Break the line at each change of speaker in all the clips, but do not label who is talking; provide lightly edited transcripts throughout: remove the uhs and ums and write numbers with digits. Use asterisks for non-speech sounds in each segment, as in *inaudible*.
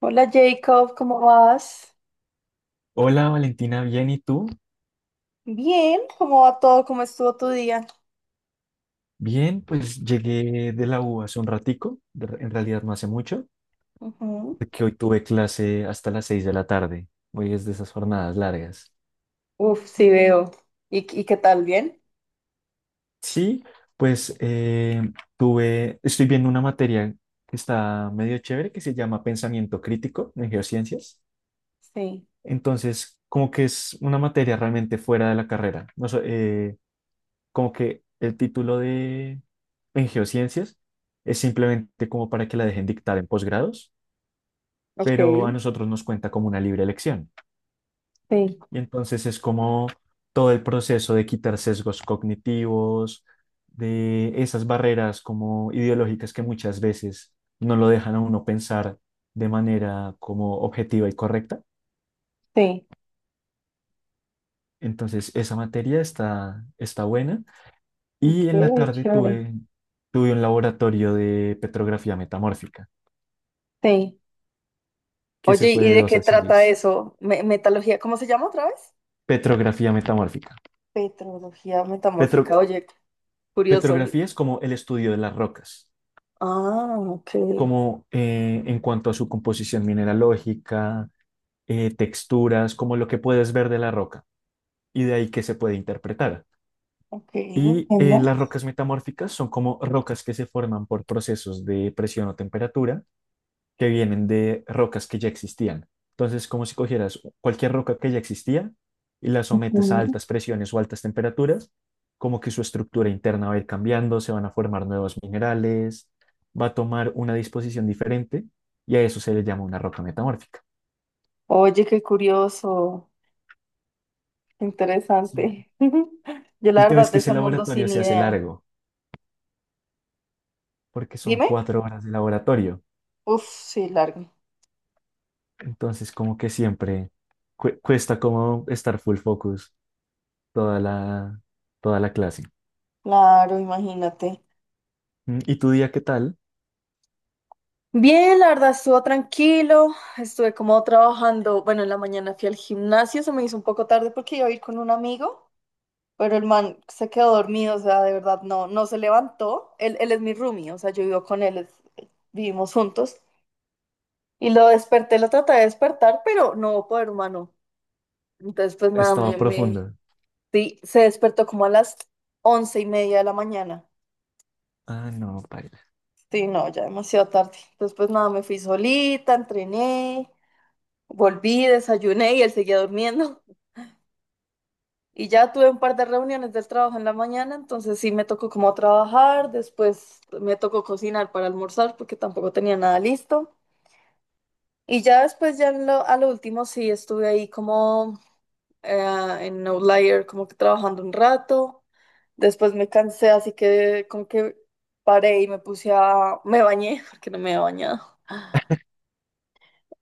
Hola Jacob, ¿cómo vas?
Hola Valentina, bien, ¿y tú?
Bien, ¿cómo va todo? ¿Cómo estuvo tu día?
Bien, pues llegué de la U hace un ratico, en realidad no hace mucho,
Ujú.
porque hoy tuve clase hasta las 6 de la tarde, hoy es de esas jornadas largas.
Uf, sí veo. ¿Y qué tal? ¿Bien?
Sí, pues estoy viendo una materia que está medio chévere, que se llama Pensamiento Crítico en Geociencias,
Sí,
entonces como que es una materia realmente fuera de la carrera, no sé, como que el título de en geociencias es simplemente como para que la dejen dictar en posgrados,
ok.
pero a nosotros nos cuenta como una libre elección.
Sí,
Y entonces es como todo el proceso de quitar sesgos cognitivos, de esas barreras como ideológicas que muchas veces no lo dejan a uno pensar de manera como objetiva y correcta.
sí,
Entonces, esa materia está buena.
ok,
Y en la tarde
chévere.
tuve un laboratorio de petrografía metamórfica,
Sí.
que se
Oye,
fue
¿y
de
de
2
qué
a
trata
seis.
eso? Metalogía, ¿cómo se llama otra vez?
Petrografía metamórfica.
Petrología
Petro-
metamórfica, oye, curioso.
petrografía es como el estudio de las rocas,
Ah,
como en cuanto a su composición mineralógica, texturas, como lo que puedes ver de la roca y de ahí que se puede interpretar.
ok,
Y
entiendo.
las rocas metamórficas son como rocas que se forman por procesos de presión o temperatura que vienen de rocas que ya existían. Entonces, como si cogieras cualquier roca que ya existía y la sometes a
Ujú.
altas presiones o altas temperaturas, como que su estructura interna va a ir cambiando, se van a formar nuevos minerales, va a tomar una disposición diferente y a eso se le llama una roca metamórfica.
Oye, qué curioso, qué
Sí.
interesante. *laughs* Yo
El
la
tema
verdad
es que
de
ese
ese mundo
laboratorio
sin
se hace
idea.
largo, porque son
Dime.
cuatro horas de laboratorio.
Uf, sí, largo.
Entonces, como que siempre cuesta como estar full focus toda la, toda la clase.
Claro, imagínate.
Mm, ¿y tu día qué tal?
Bien, la verdad, estuvo tranquilo. Estuve como trabajando. Bueno, en la mañana fui al gimnasio, se me hizo un poco tarde porque iba a ir con un amigo, pero el man se quedó dormido, o sea, de verdad, no se levantó. Él es mi roomie, o sea, yo vivo con él, vivimos juntos. Y lo desperté, lo traté de despertar, pero no hubo poder humano. Entonces, pues nada,
Estaba profunda.
sí, se despertó como a las 11:30 de la mañana.
Ah, no, paila.
Sí, no, ya demasiado tarde. Entonces, pues nada, me fui solita, entrené, volví, desayuné y él seguía durmiendo. *laughs* Y ya tuve un par de reuniones del trabajo en la mañana, entonces sí me tocó como trabajar, después me tocó cocinar para almorzar porque tampoco tenía nada listo. Y ya después, a lo último sí estuve ahí como en Outlier, como que trabajando un rato. Después me cansé, así que como que paré y me puse a... me bañé *laughs* porque no me había bañado.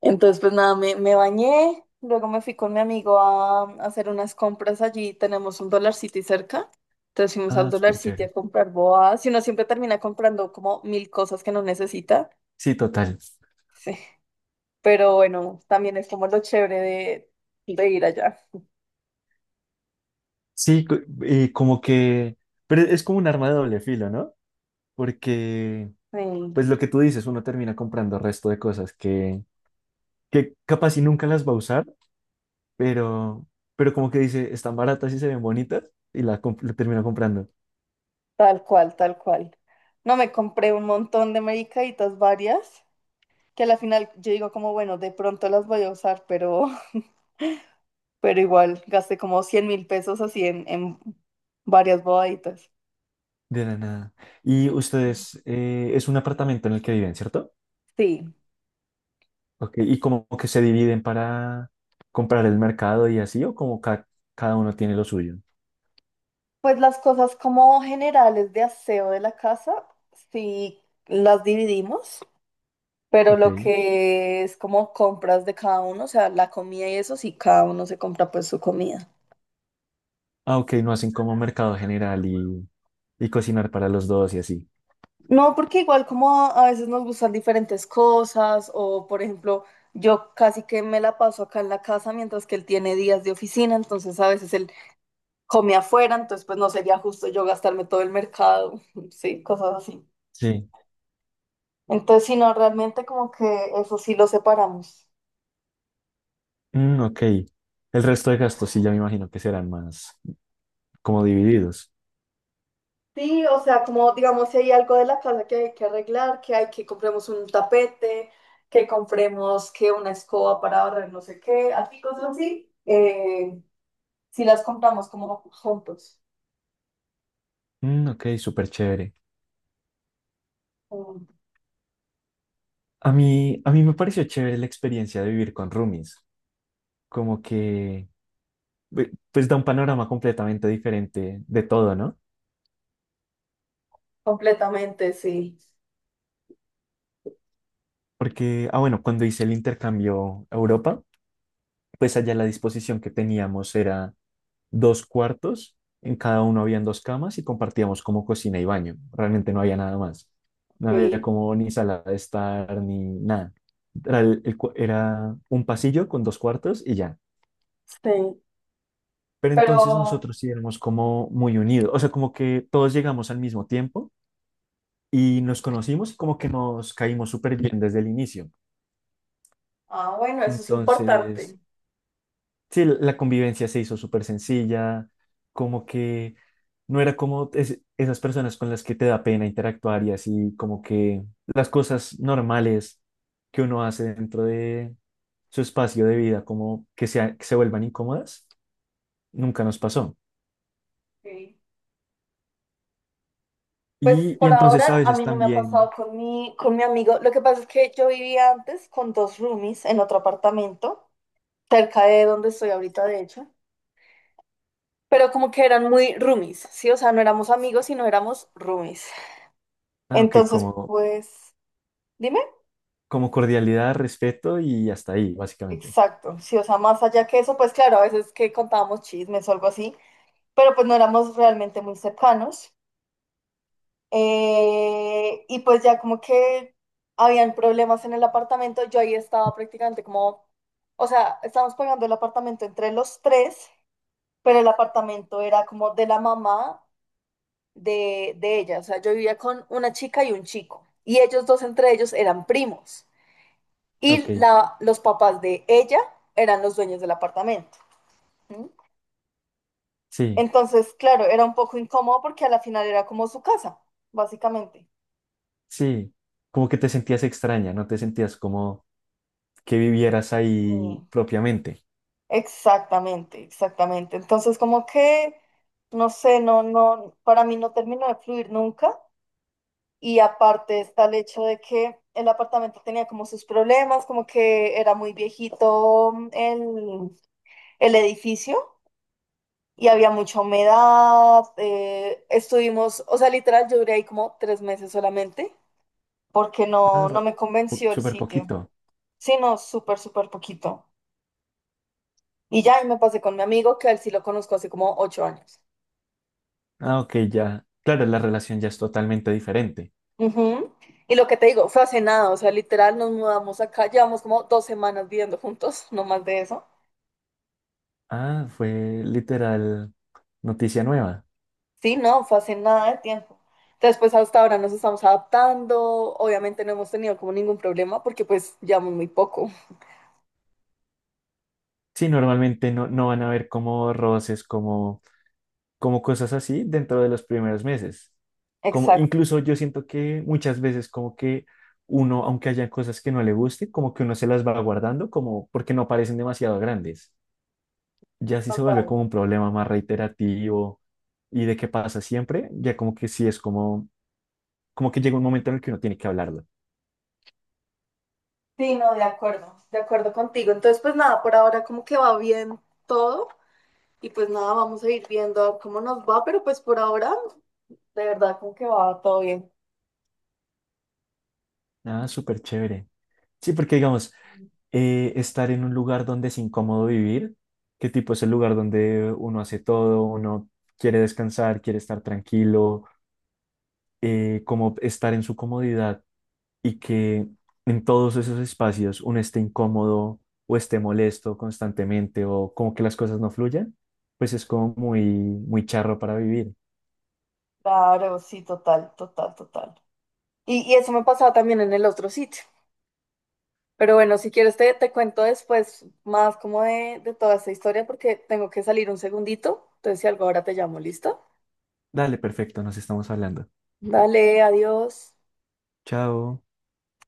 Entonces, pues nada, me bañé, luego me fui con mi amigo a hacer unas compras allí, tenemos un Dollar City cerca, entonces fuimos al
Ah,
Dollar
súper
City a
chévere.
comprar boas, y uno siempre termina comprando como mil cosas que no necesita,
Sí, total.
sí, pero bueno, también es como lo chévere de ir allá,
Sí, co- como que... Pero es como un arma de doble filo, ¿no? Porque,
Sí,
pues lo que tú dices, uno termina comprando resto de cosas que capaz y nunca las va a usar, pero, pero como que dice, están baratas y se ven bonitas, la termina comprando
tal cual, tal cual. No, me compré un montón de medicaditas varias, que a la final yo digo como, bueno, de pronto las voy a usar, pero igual gasté como 100.000 pesos así en varias bobaditas.
de la nada. Y ustedes, es un apartamento en el que viven, ¿cierto?
Sí.
Ok, y como que se dividen para comprar el mercado y así, cada uno tiene lo suyo.
Pues las cosas como generales de aseo de la casa, sí las dividimos, pero
Ok.
lo que es como compras de cada uno, o sea, la comida y eso, sí cada uno se compra pues su comida.
Ah, ok, no hacen como mercado general y cocinar para los dos y así.
No, porque igual como a veces nos gustan diferentes cosas, o por ejemplo, yo casi que me la paso acá en la casa mientras que él tiene días de oficina, entonces a veces él come afuera, entonces pues no sería justo yo gastarme todo el mercado, *laughs* sí, cosas así.
Sí.
Entonces, si no, realmente como que eso sí lo separamos.
Mm, ok. El resto de gastos sí, ya me imagino que serán más como divididos.
Sí, o sea, como digamos, si hay algo de la casa que hay que arreglar, que hay que compremos un tapete, que compremos que una escoba para barrer no sé qué, así cosas así, si las compramos como juntos,
Mm, ok, súper chévere.
mm,
A mí me pareció chévere la experiencia de vivir con roomies. Como que, pues da un panorama completamente diferente de todo, ¿no?
completamente, sí.
Porque, ah, bueno, cuando hice el intercambio a Europa, pues allá la disposición que teníamos era dos cuartos, en cada uno habían dos camas y compartíamos como cocina y baño. Realmente no había nada más. No había
Sí.
como ni sala de estar ni nada. Era un pasillo con dos cuartos y ya.
Sí.
Pero
Pero,
entonces nosotros sí éramos como muy unidos, o sea, como que todos llegamos al mismo tiempo y nos conocimos y como que nos caímos súper bien desde el inicio.
ah, bueno, eso es
Entonces,
importante.
sí, la convivencia se hizo súper sencilla, como que no era como esas personas con las que te da pena interactuar y así, como que las cosas normales que uno hace dentro de su espacio de vida, como que, sea, que se vuelvan incómodas, nunca nos pasó.
Sí. Pues
Y
por
entonces a
ahora a
veces
mí no me ha pasado
también,
con mi amigo. Lo que pasa es que yo vivía antes con dos roomies en otro apartamento, cerca de donde estoy ahorita, de hecho. Pero como que eran muy roomies, ¿sí? O sea, no éramos amigos, sino éramos roomies.
ah, ok,
Entonces,
como,
pues, dime.
como cordialidad, respeto y hasta ahí, básicamente.
Exacto, sí, o sea, más allá que eso, pues claro, a veces que contábamos chismes o algo así, pero pues no éramos realmente muy cercanos. Y pues ya como que habían problemas en el apartamento, yo ahí estaba prácticamente como, o sea, estábamos pagando el apartamento entre los tres, pero el apartamento era como de la mamá de ella, o sea, yo vivía con una chica y un chico, y ellos dos entre ellos eran primos,
Ok,
los papás de ella eran los dueños del apartamento. ¿Sí?
sí,
Entonces, claro, era un poco incómodo porque a la final era como su casa, básicamente.
sí, como que te sentías extraña, no te sentías como que vivieras ahí
Y-
propiamente.
Exactamente, exactamente. Entonces, como que, no sé, no, para mí no terminó de fluir nunca. Y aparte está el hecho de que el apartamento tenía como sus problemas, como que era muy viejito mm, el edificio y había mucha humedad. Eh, estuvimos, o sea, literal, yo duré ahí como 3 meses solamente porque
Ah,
no
re-
me convenció el
súper
sitio.
poquito.
Sí, no, súper, súper poquito. Y ya, y me pasé con mi amigo, que a él sí lo conozco hace como 8 años.
Ah, ok, ya. Claro, la relación ya es totalmente diferente.
Ujú. Y lo que te digo, fue hace nada, o sea, literal nos mudamos acá, llevamos como 2 semanas viviendo juntos, *laughs* no más de eso.
Ah, fue literal noticia nueva.
Sí, no, fue hace nada de tiempo. Entonces, pues hasta ahora nos estamos adaptando, obviamente no hemos tenido como ningún problema porque pues llevamos muy poco.
Sí, normalmente no, no van a haber como roces, como, como cosas así dentro de los primeros meses. Como
Exacto.
incluso yo siento que muchas veces como que uno, aunque haya cosas que no le guste, como que uno se las va guardando, como porque no parecen demasiado grandes. Ya sí se vuelve
Total.
como un problema más reiterativo y de qué pasa siempre, ya como que sí es como, como que llega un momento en el que uno tiene que hablarlo.
Sí, no, de acuerdo contigo. Entonces, pues nada, por ahora como que va bien todo y pues nada, vamos a ir viendo cómo nos va, pero pues por ahora de verdad, como que va todo bien.
Ah, súper chévere. Sí, porque digamos, estar en un lugar donde es incómodo vivir, qué tipo es el lugar donde uno hace todo, uno quiere descansar, quiere estar tranquilo, como estar en su comodidad y que en todos esos espacios uno esté incómodo o esté molesto constantemente o como que las cosas no fluyan, pues es como muy, muy charro para vivir.
Claro, sí, total, total, total. Y eso me pasaba también en el otro sitio. Pero bueno, si quieres te cuento después más como de toda esta historia porque tengo que salir un segundito. Entonces, si algo ahora te llamo, ¿listo?
Dale, perfecto, nos estamos hablando.
Dale, adiós.
Chao.